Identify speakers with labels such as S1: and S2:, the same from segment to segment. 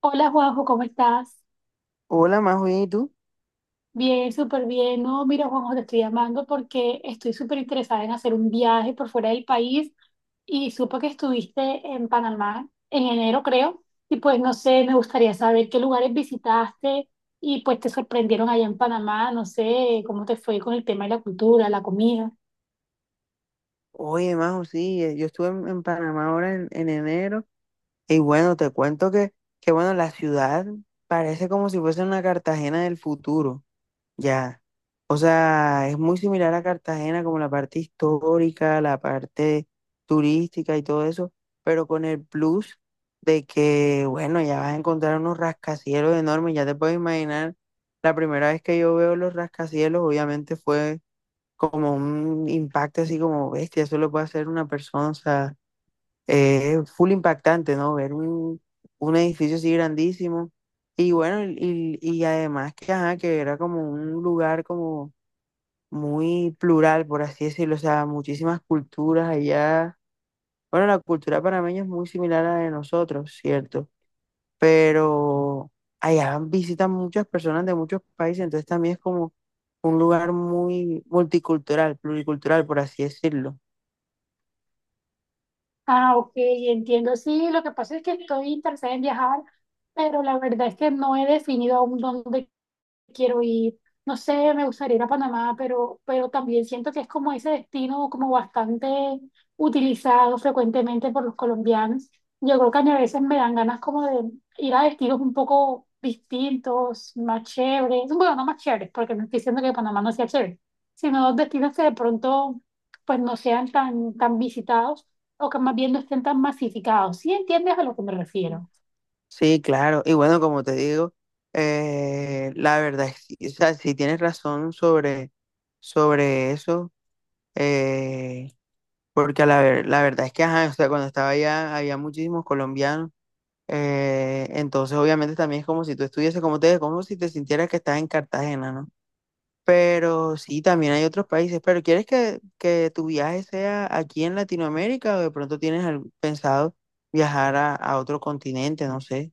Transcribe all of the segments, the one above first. S1: Hola Juanjo, ¿cómo estás?
S2: Hola, Majo, ¿y tú?
S1: Bien, súper bien. No, mira Juanjo, te estoy llamando porque estoy súper interesada en hacer un viaje por fuera del país y supe que estuviste en Panamá en enero, creo. Y pues no sé, me gustaría saber qué lugares visitaste y pues te sorprendieron allá en Panamá. No sé cómo te fue con el tema de la cultura, la comida.
S2: Oye, Majo, sí, yo estuve en Panamá ahora en enero y bueno, te cuento que bueno, la ciudad parece como si fuese una Cartagena del futuro, ya. O sea, es muy similar a Cartagena como la parte histórica, la parte turística y todo eso, pero con el plus de que, bueno, ya vas a encontrar unos rascacielos enormes, ya te puedes imaginar, la primera vez que yo veo los rascacielos, obviamente fue como un impacto así como bestia, eso lo puede hacer una persona, o sea, es full impactante, ¿no? Ver un edificio así grandísimo. Y bueno, y además que, ajá, que era como un lugar como muy plural, por así decirlo, o sea, muchísimas culturas allá. Bueno, la cultura panameña es muy similar a la de nosotros, ¿cierto? Pero allá visitan muchas personas de muchos países, entonces también es como un lugar muy multicultural, pluricultural, por así decirlo.
S1: Ah, ok, entiendo. Sí, lo que pasa es que estoy interesada en viajar, pero la verdad es que no he definido aún dónde quiero ir, no sé, me gustaría ir a Panamá, pero, también siento que es como ese destino como bastante utilizado frecuentemente por los colombianos. Yo creo que a mí a veces me dan ganas como de ir a destinos un poco distintos, más chéveres, bueno, no más chéveres, porque no estoy diciendo que Panamá no sea chévere, sino destinos que de pronto pues no sean tan visitados o que más bien no estén tan masificados. ¿Sí entiendes a lo que me refiero?
S2: Sí, claro. Y bueno, como te digo, la verdad es que, o sea, sí tienes razón sobre eso, eh, porque a la, la verdad es que, ajá, o sea, cuando estaba allá había muchísimos colombianos, entonces obviamente también es como si tú estuvieses, como te digo, como si te sintieras que estás en Cartagena, ¿no? Pero sí, también hay otros países, pero ¿quieres que tu viaje sea aquí en Latinoamérica o de pronto tienes pensado viajar a otro continente, no sé?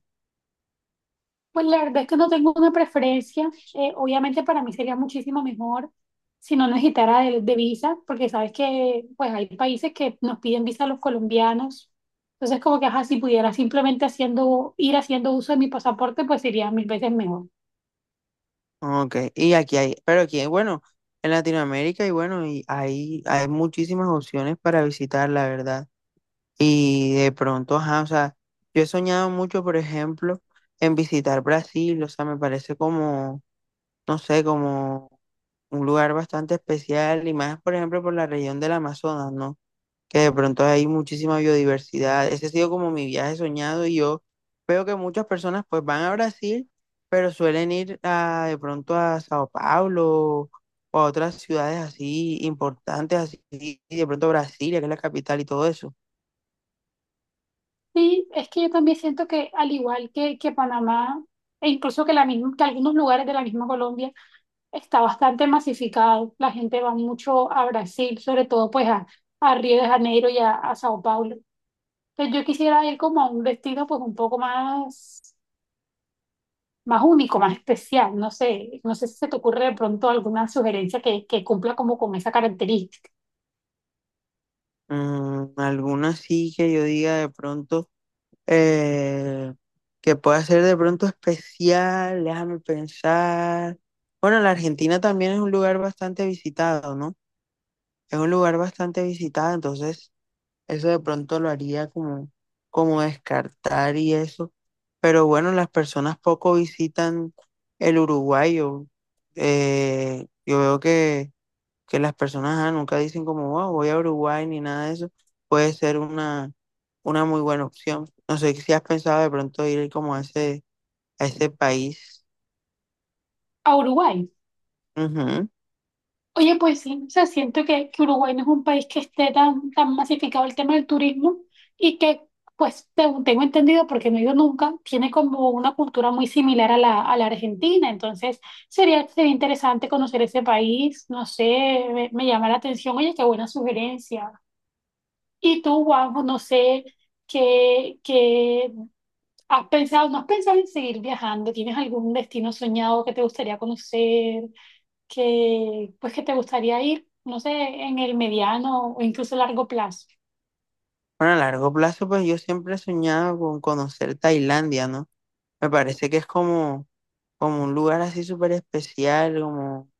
S1: Pues la verdad es que no tengo una preferencia. Obviamente para mí sería muchísimo mejor si no necesitara de visa, porque sabes que pues hay países que nos piden visa a los colombianos. Entonces como que ajá, si pudiera simplemente haciendo, ir haciendo uso de mi pasaporte, pues sería mil veces mejor.
S2: Ok, y aquí hay, pero aquí hay, bueno, en Latinoamérica y bueno, y hay muchísimas opciones para visitar, la verdad. Y de pronto, ajá, o sea, yo he soñado mucho, por ejemplo, en visitar Brasil, o sea, me parece como, no sé, como un lugar bastante especial y más, por ejemplo, por la región del Amazonas, ¿no? Que de pronto hay muchísima biodiversidad. Ese ha sido como mi viaje soñado y yo veo que muchas personas pues van a Brasil, pero suelen ir a, de pronto a Sao Paulo o a otras ciudades así importantes, así y de pronto Brasilia, que es la capital y todo eso.
S1: Sí, es que yo también siento que al igual que Panamá, e incluso que, la misma, que algunos lugares de la misma Colombia, está bastante masificado. La gente va mucho a Brasil, sobre todo pues a Río de Janeiro y a Sao Paulo. Pues yo quisiera ir como a un destino pues un poco más, más único, más especial. No sé, no sé si se te ocurre de pronto alguna sugerencia que cumpla como con esa característica.
S2: Alguna sí que yo diga de pronto eh, que pueda ser de pronto especial, déjame pensar. Bueno, la Argentina también es un lugar bastante visitado, ¿no? Es un lugar bastante visitado, entonces eso de pronto lo haría como, como descartar y eso. Pero bueno, las personas poco visitan el Uruguay. Yo, yo veo que las personas ah, nunca dicen como, wow, voy a Uruguay ni nada de eso. Puede ser una muy buena opción. No sé si has pensado de pronto ir como a ese país.
S1: A Uruguay.
S2: Ujú.
S1: Oye, pues sí, o sea, siento que Uruguay no es un país que esté tan masificado el tema del turismo y que, pues, según tengo entendido, porque no he ido nunca, tiene como una cultura muy similar a la Argentina. Entonces, sería interesante conocer ese país. No sé, me llama la atención. Oye, qué buena sugerencia. Y tú, Juanjo, no sé qué has pensado, ¿no has pensado en seguir viajando? ¿Tienes algún destino soñado que te gustaría conocer, que pues que te gustaría ir, no sé, en el mediano o incluso largo plazo?
S2: Bueno, a largo plazo, pues yo siempre he soñado con conocer Tailandia, ¿no? Me parece que es como como un lugar así súper especial, como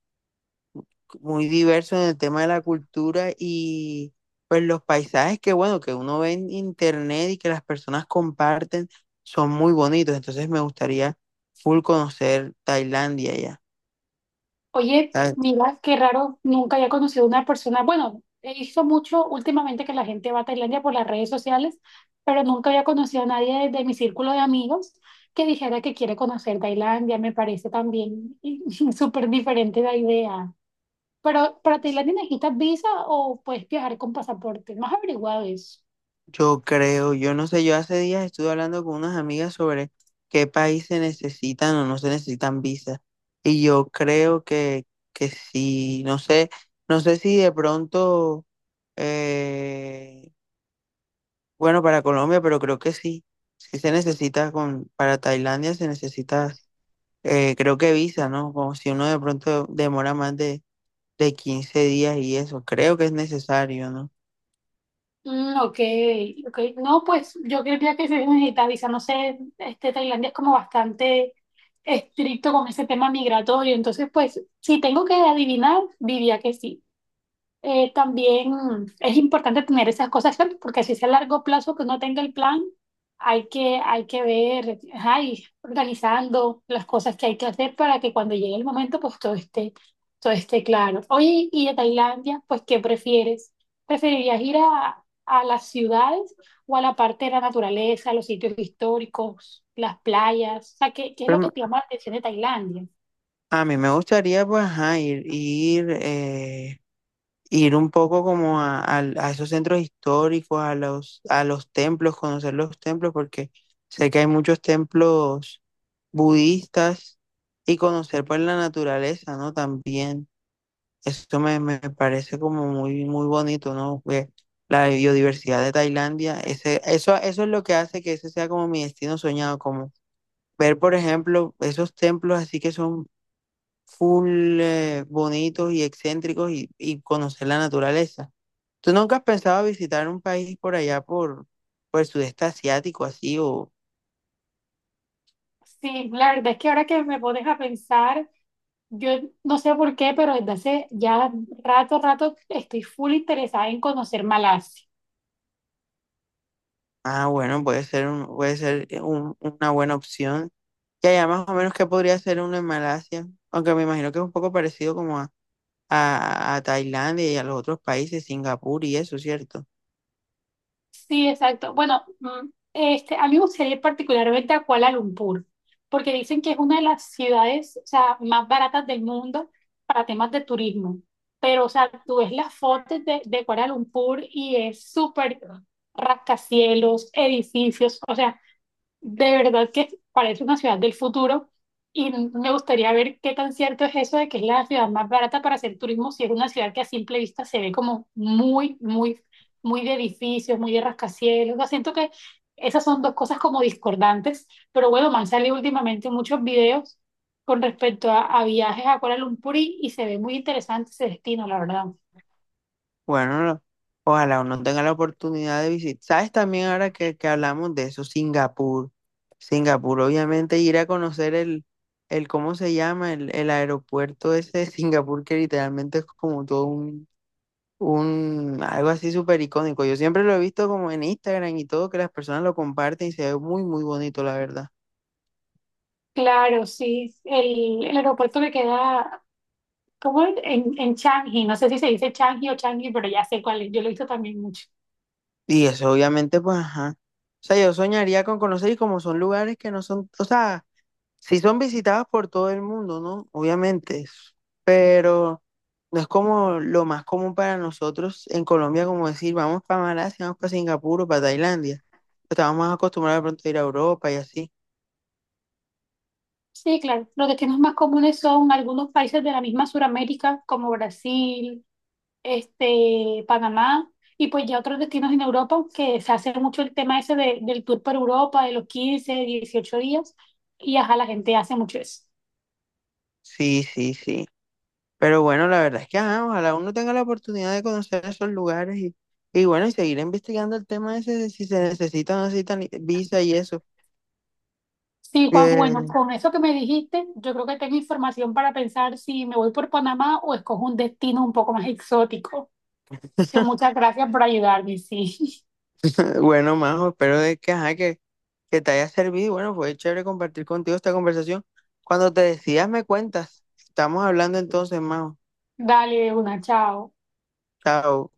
S2: muy diverso en el tema de la cultura y pues los paisajes que bueno, que uno ve en internet y que las personas comparten son muy bonitos, entonces me gustaría full conocer Tailandia ya.
S1: Oye,
S2: Ah,
S1: mira, qué raro, nunca había conocido a una persona. Bueno, he visto mucho últimamente que la gente va a Tailandia por las redes sociales, pero nunca había conocido a nadie de mi círculo de amigos que dijera que quiere conocer Tailandia. Me parece también súper diferente la idea. Pero, ¿para Tailandia necesitas visa o puedes viajar con pasaporte? ¿No has averiguado eso?
S2: yo creo, yo no sé, yo hace días estuve hablando con unas amigas sobre qué país se necesitan o no se necesitan visas y yo creo que sí, no sé, no sé si de pronto... eh, bueno, para Colombia, pero creo que sí. Sí se necesita con, para Tailandia se necesita, creo que visa, ¿no? Como si uno de pronto demora más de 15 días y eso, creo que es necesario, ¿no?
S1: Mm, ok, ok. No, pues yo creía que se digitaliza, no sé, este Tailandia es como bastante estricto con ese tema migratorio, entonces pues si tengo que adivinar, diría que sí, también es importante tener esas cosas claras, porque si es a largo plazo que uno tenga el plan, hay hay que ver, ajá, y organizando las cosas que hay que hacer para que cuando llegue el momento, pues todo esté claro. Oye, y de Tailandia, pues, ¿qué prefieres? ¿Preferirías ir a las ciudades o a la parte de la naturaleza, los sitios históricos, las playas? O sea, ¿qué es
S2: Pero
S1: lo que te llama la atención de Tailandia?
S2: a mí me gustaría, pues, ajá, ir un poco como a, a esos centros históricos, a los templos, conocer los templos, porque sé que hay muchos templos budistas y conocer, pues, la naturaleza, ¿no? También. Eso me, me parece como muy, muy bonito, ¿no? Que la biodiversidad de Tailandia, ese, eso es lo que hace que ese sea como mi destino soñado, como ver, por ejemplo, esos templos así que son full bonitos y excéntricos y conocer la naturaleza. ¿Tú nunca has pensado visitar un país por allá, por el sudeste asiático, así? O,
S1: Sí, la verdad es que ahora que me pones a pensar, yo no sé por qué, pero desde hace ya rato estoy full interesada en conocer Malasia.
S2: ah, bueno, puede ser, puede ser una buena opción. Ya, ya más o menos que podría ser uno en Malasia, aunque me imagino que es un poco parecido como a, a Tailandia y a los otros países, Singapur y eso, ¿cierto?
S1: Sí, exacto. Bueno, este, a mí me gustaría ir particularmente a Kuala Lumpur, porque dicen que es una de las ciudades, o sea, más baratas del mundo para temas de turismo. Pero, o sea, tú ves las fotos de Kuala Lumpur y es súper rascacielos, edificios, o sea, de verdad que parece una ciudad del futuro y me gustaría ver qué tan cierto es eso de que es la ciudad más barata para hacer turismo, si es una ciudad que a simple vista se ve como muy de edificios, muy de rascacielos. O sea, siento que esas son dos cosas como discordantes, pero bueno, me han salido últimamente muchos videos con respecto a viajes a Kuala Lumpur y se ve muy interesante ese destino, la verdad.
S2: Bueno, ojalá uno tenga la oportunidad de visitar. ¿Sabes también ahora que hablamos de eso? Singapur. Singapur, obviamente, ir a conocer el ¿cómo se llama? El aeropuerto ese de Singapur que literalmente es como todo un, algo así súper icónico. Yo siempre lo he visto como en Instagram y todo, que las personas lo comparten y se ve muy, muy bonito, la verdad.
S1: Claro, sí, el aeropuerto que queda ¿cómo en, en Changi? No sé si se dice Changi o Changi, pero ya sé cuál es. Yo lo he visto también mucho.
S2: Y eso obviamente, pues, ajá. O sea, yo soñaría con conocer y como son lugares que no son, o sea, sí son visitados por todo el mundo, ¿no? Obviamente, pero no es como lo más común para nosotros en Colombia, como decir, vamos para Malasia, vamos para Singapur o para Tailandia. Estamos más acostumbrados de pronto a ir a Europa y así.
S1: Sí, claro. Los destinos más comunes son algunos países de la misma Suramérica, como Brasil, este, Panamá, y pues ya otros destinos en Europa, que se hace mucho el tema ese de- del tour por Europa, de los 15, 18 días, y ajá, la gente hace mucho eso.
S2: Sí, sí, sí. Pero bueno, la verdad es que, ajá, ojalá uno tenga la oportunidad de conocer esos lugares y bueno, y seguir investigando el tema ese de si se necesita o no necesitan visa y eso.
S1: Sí, Juanjo, bueno,
S2: Eh,
S1: con eso que me dijiste, yo creo que tengo información para pensar si me voy por Panamá o escojo un destino un poco más exótico. Es que muchas gracias por ayudarme, sí.
S2: Bueno, Majo, espero de que, ajá, que te haya servido. Y bueno, fue chévere compartir contigo esta conversación. Cuando te decidas, me cuentas. Estamos hablando entonces, Majo.
S1: Dale de una, chao.
S2: Chao.